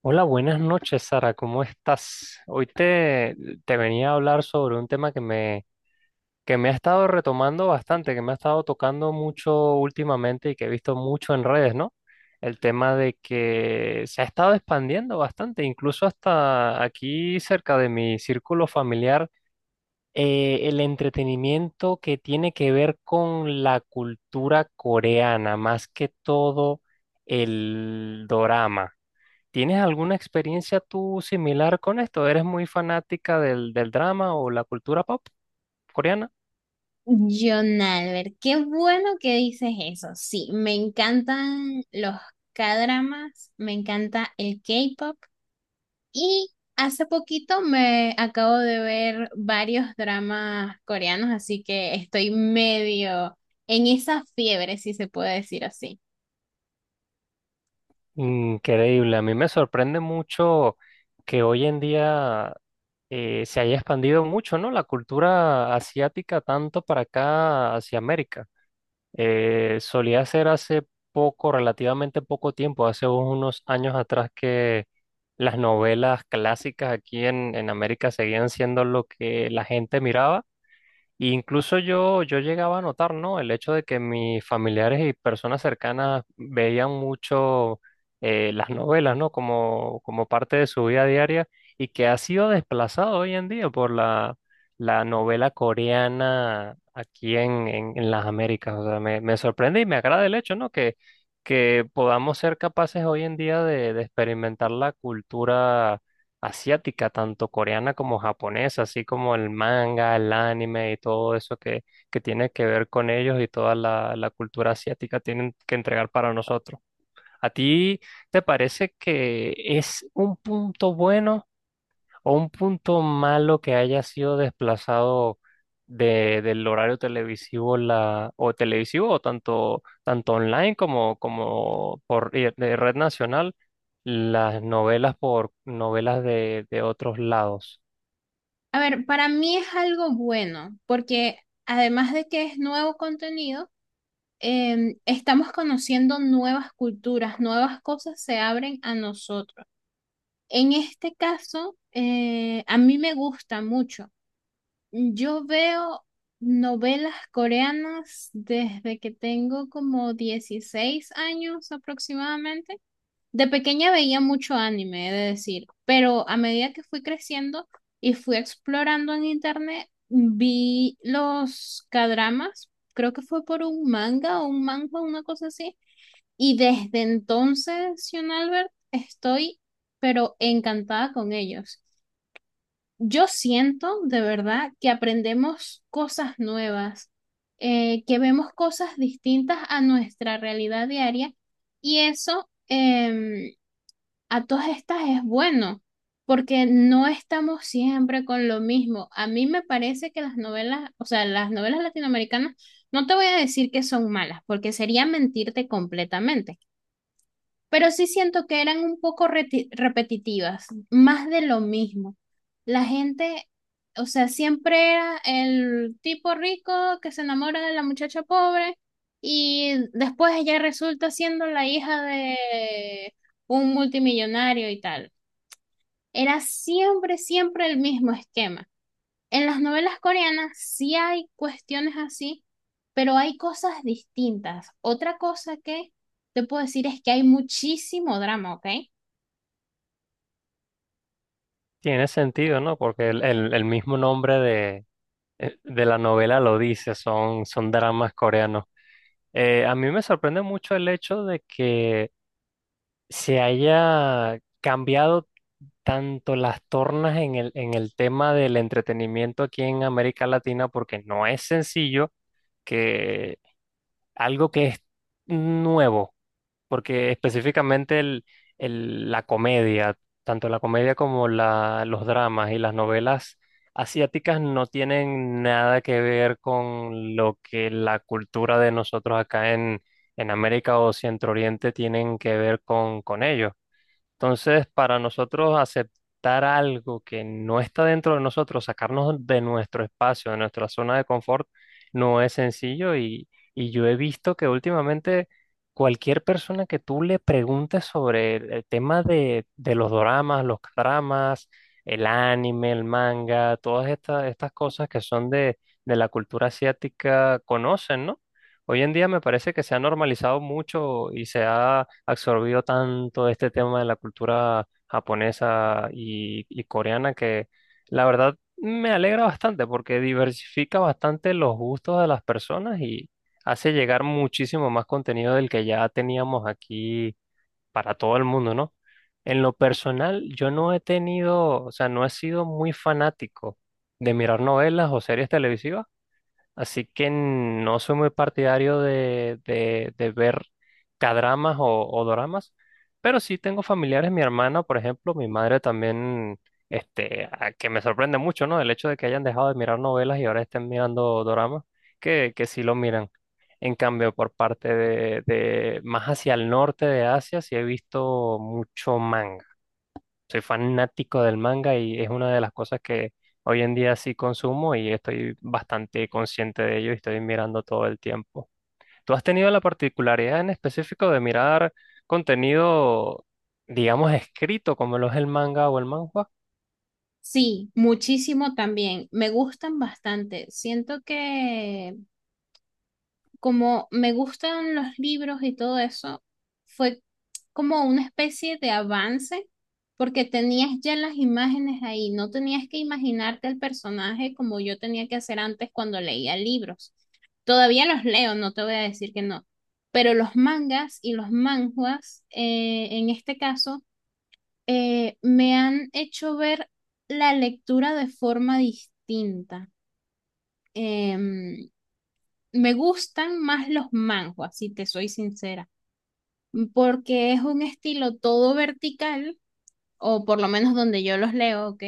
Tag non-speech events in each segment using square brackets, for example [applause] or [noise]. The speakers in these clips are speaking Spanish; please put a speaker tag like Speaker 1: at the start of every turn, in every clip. Speaker 1: Hola, buenas noches, Sara, ¿cómo estás? Hoy te venía a hablar sobre un tema que me ha estado retomando bastante, que me ha estado tocando mucho últimamente y que he visto mucho en redes, ¿no? El tema de que se ha estado expandiendo bastante, incluso hasta aquí cerca de mi círculo familiar, el entretenimiento que tiene que ver con la cultura coreana, más que todo el dorama. ¿Tienes alguna experiencia tú similar con esto? ¿Eres muy fanática del drama o la cultura pop coreana?
Speaker 2: John Albert, qué bueno que dices eso. Sí, me encantan los K-dramas, me encanta el K-pop y hace poquito me acabo de ver varios dramas coreanos, así que estoy medio en esa fiebre, si se puede decir así.
Speaker 1: Increíble, a mí me sorprende mucho que hoy en día se haya expandido mucho, ¿no? La cultura asiática tanto para acá hacia América. Solía ser hace poco, relativamente poco tiempo, hace unos años atrás que las novelas clásicas aquí en América seguían siendo lo que la gente miraba. Y incluso yo llegaba a notar, ¿no? El hecho de que mis familiares y personas cercanas veían mucho, las novelas, ¿no? Como parte de su vida diaria y que ha sido desplazado hoy en día por la novela coreana aquí en las Américas. O sea, me sorprende y me agrada el hecho, ¿no? Que podamos ser capaces hoy en día de experimentar la cultura asiática, tanto coreana como japonesa, así como el manga, el anime y todo eso que tiene que ver con ellos y toda la cultura asiática tienen que entregar para nosotros. ¿A ti te parece que es un punto bueno? ¿O un punto malo que haya sido desplazado del horario televisivo la, o televisivo o tanto online como, como por de red nacional, las novelas por novelas de otros lados?
Speaker 2: A ver, para mí es algo bueno, porque además de que es nuevo contenido, estamos conociendo nuevas culturas, nuevas cosas se abren a nosotros. En este caso, a mí me gusta mucho. Yo veo novelas coreanas desde que tengo como 16 años aproximadamente. De pequeña veía mucho anime, he de decir, pero a medida que fui creciendo y fui explorando en internet, vi los kdramas. Creo que fue por un manga o un manga, una cosa así y desde entonces, Sion Albert, estoy pero encantada con ellos. Yo siento de verdad que aprendemos cosas nuevas, que vemos cosas distintas a nuestra realidad diaria y eso a todas estas es bueno, porque no estamos siempre con lo mismo. A mí me parece que las novelas, o sea, las novelas latinoamericanas, no te voy a decir que son malas, porque sería mentirte completamente, pero sí siento que eran un poco repetitivas, más de lo mismo. La gente, o sea, siempre era el tipo rico que se enamora de la muchacha pobre y después ella resulta siendo la hija de un multimillonario y tal. Era siempre, siempre el mismo esquema. En las novelas coreanas sí hay cuestiones así, pero hay cosas distintas. Otra cosa que te puedo decir es que hay muchísimo drama, ¿ok?
Speaker 1: Tiene sentido, ¿no? Porque el mismo nombre de la novela lo dice, son dramas coreanos. A mí me sorprende mucho el hecho de que se haya cambiado tanto las tornas en en el tema del entretenimiento aquí en América Latina, porque no es sencillo que algo que es nuevo, porque específicamente la comedia, tanto la comedia como la, los dramas y las novelas asiáticas no tienen nada que ver con lo que la cultura de nosotros acá en América o Centro Oriente tienen que ver con ellos. Entonces, para nosotros aceptar algo que no está dentro de nosotros, sacarnos de nuestro espacio, de nuestra zona de confort, no es sencillo y yo he visto que últimamente cualquier persona que tú le preguntes sobre el tema de los doramas, los dramas, el anime, el manga, todas estas cosas que son de la cultura asiática, conocen, ¿no? Hoy en día me parece que se ha normalizado mucho y se ha absorbido tanto este tema de la cultura japonesa y coreana que la verdad me alegra bastante porque diversifica bastante los gustos de las personas y hace llegar muchísimo más contenido del que ya teníamos aquí para todo el mundo, ¿no? En lo personal, yo no he tenido, o sea, no he sido muy fanático de mirar novelas o series televisivas. Así que no soy muy partidario de ver cadramas o doramas, pero sí tengo familiares, mi hermana, por ejemplo, mi madre también, que me sorprende mucho, ¿no? El hecho de que hayan dejado de mirar novelas y ahora estén mirando doramas, que sí lo miran. En cambio, por parte de más hacia el norte de Asia, sí he visto mucho manga. Soy fanático del manga y es una de las cosas que hoy en día sí consumo y estoy bastante consciente de ello y estoy mirando todo el tiempo. ¿Tú has tenido la particularidad en específico de mirar contenido, digamos, escrito como lo es el manga o el manhwa?
Speaker 2: Sí, muchísimo también. Me gustan bastante. Siento que como me gustan los libros y todo eso, fue como una especie de avance, porque tenías ya las imágenes ahí, no tenías que imaginarte el personaje como yo tenía que hacer antes cuando leía libros. Todavía los leo, no te voy a decir que no, pero los mangas y los manhwas, en este caso, me han hecho ver la lectura de forma distinta. Em, me gustan más los manhwas, si te soy sincera, porque es un estilo todo vertical, o por lo menos donde yo los leo, ¿ok?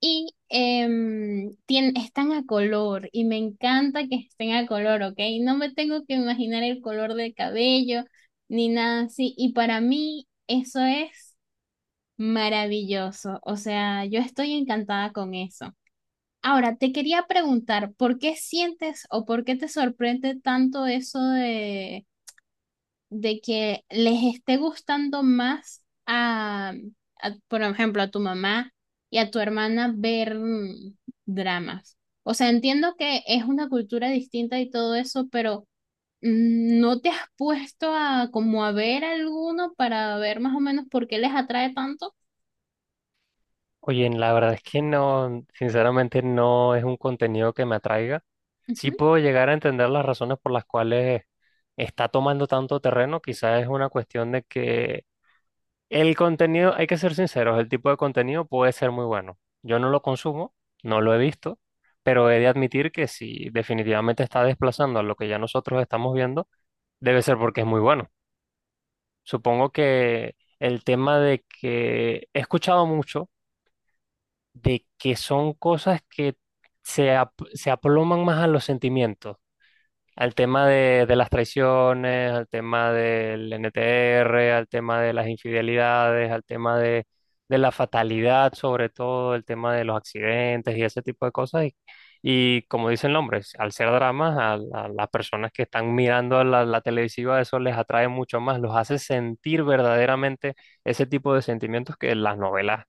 Speaker 2: Y están a color, y me encanta que estén a color, ¿ok? No me tengo que imaginar el color del cabello, ni nada así, y para mí eso es maravilloso, o sea, yo estoy encantada con eso. Ahora, te quería preguntar, ¿por qué sientes o por qué te sorprende tanto eso de que les esté gustando más a, por ejemplo, a tu mamá y a tu hermana ver mm, dramas? O sea, entiendo que es una cultura distinta y todo eso, pero mm, ¿no te has puesto a como a ver alguno para ver más o menos por qué les atrae tanto?
Speaker 1: Oye, la verdad es que no, sinceramente no es un contenido que me atraiga. Sí
Speaker 2: Ujú,
Speaker 1: puedo llegar a entender las razones por las cuales está tomando tanto terreno, quizás es una cuestión de que el contenido, hay que ser sinceros, el tipo de contenido puede ser muy bueno. Yo no lo consumo, no lo he visto, pero he de admitir que si definitivamente está desplazando a lo que ya nosotros estamos viendo, debe ser porque es muy bueno. Supongo que el tema de que he escuchado mucho de que son cosas que se aploman más a los sentimientos, al tema de las traiciones, al tema del NTR, al tema de las infidelidades, al tema de la fatalidad, sobre todo, el tema de los accidentes y ese tipo de cosas. Y como dice el nombre, al ser dramas, a las personas que están mirando la televisiva, eso les atrae mucho más, los hace sentir verdaderamente ese tipo de sentimientos que las novelas,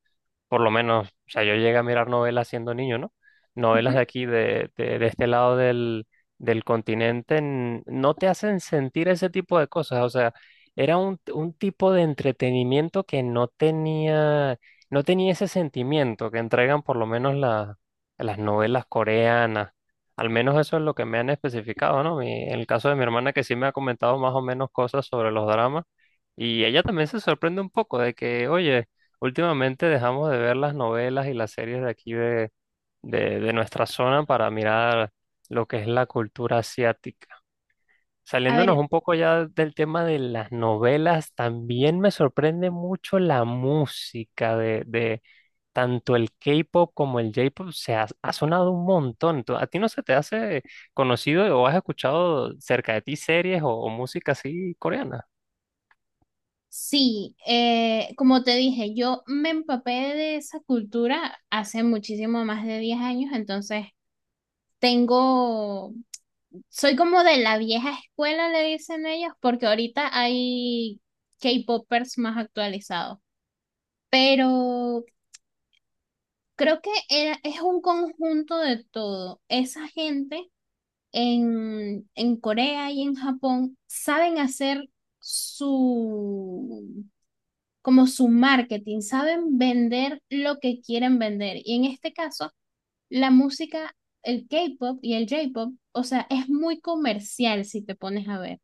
Speaker 1: por lo menos, o sea, yo llegué a mirar novelas siendo niño, ¿no? Novelas de
Speaker 2: ujú.
Speaker 1: aquí, de este lado del del continente no te hacen sentir ese tipo de cosas. O sea, era un tipo de entretenimiento que no tenía, no tenía ese sentimiento que entregan por lo menos las novelas coreanas. Al menos eso es lo que me han especificado, ¿no? En el caso de mi hermana que sí me ha comentado más o menos cosas sobre los dramas y ella también se sorprende un poco de que, oye, últimamente dejamos de ver las novelas y las series de aquí de nuestra zona para mirar lo que es la cultura asiática.
Speaker 2: A
Speaker 1: Saliéndonos
Speaker 2: ver,
Speaker 1: un poco ya del tema de las novelas, también me sorprende mucho la música de tanto el K-pop como el J-pop. Ha sonado un montón. ¿A ti no se te hace conocido o has escuchado cerca de ti series o música así coreana?
Speaker 2: sí, como te dije, yo me empapé de esa cultura hace muchísimo más de 10 años, entonces tengo, soy como de la vieja escuela, le dicen ellos, porque ahorita hay K-popers más actualizados. Pero creo que es un conjunto de todo. Esa gente en Corea y en Japón saben hacer su, como su marketing, saben vender lo que quieren vender. Y en este caso, la música, el K-pop y el J-pop, o sea, es muy comercial si te pones a ver.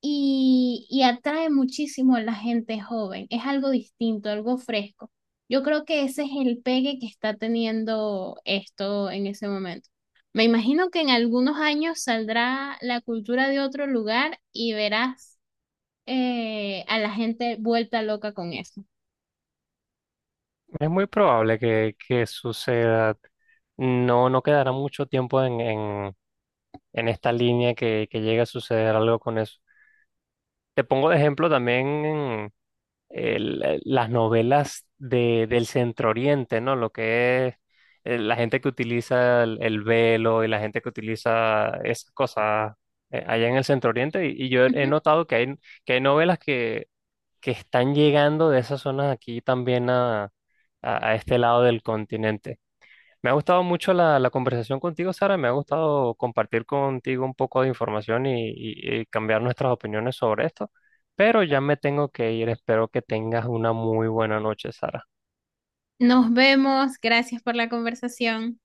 Speaker 2: Y, y atrae muchísimo a la gente joven. Es algo distinto, algo fresco. Yo creo que ese es el pegue que está teniendo esto en ese momento. Me imagino que en algunos años saldrá la cultura de otro lugar y verás a la gente vuelta loca con eso.
Speaker 1: Es muy probable que suceda. No, no quedará mucho tiempo en esta línea que llegue a suceder algo con eso. Te pongo de ejemplo también las novelas del Centro Oriente, ¿no? Lo que es la gente que utiliza el velo y la gente que utiliza esas cosas, allá en el Centro Oriente. Y yo
Speaker 2: [laughs]
Speaker 1: he
Speaker 2: Ujú.
Speaker 1: notado que hay novelas que están llegando de esas zonas aquí también a este lado del continente. Me ha gustado mucho la conversación contigo, Sara. Me ha gustado compartir contigo un poco de información y cambiar nuestras opiniones sobre esto. Pero ya me tengo que ir. Espero que tengas una muy buena noche, Sara.
Speaker 2: Nos vemos. Gracias por la conversación.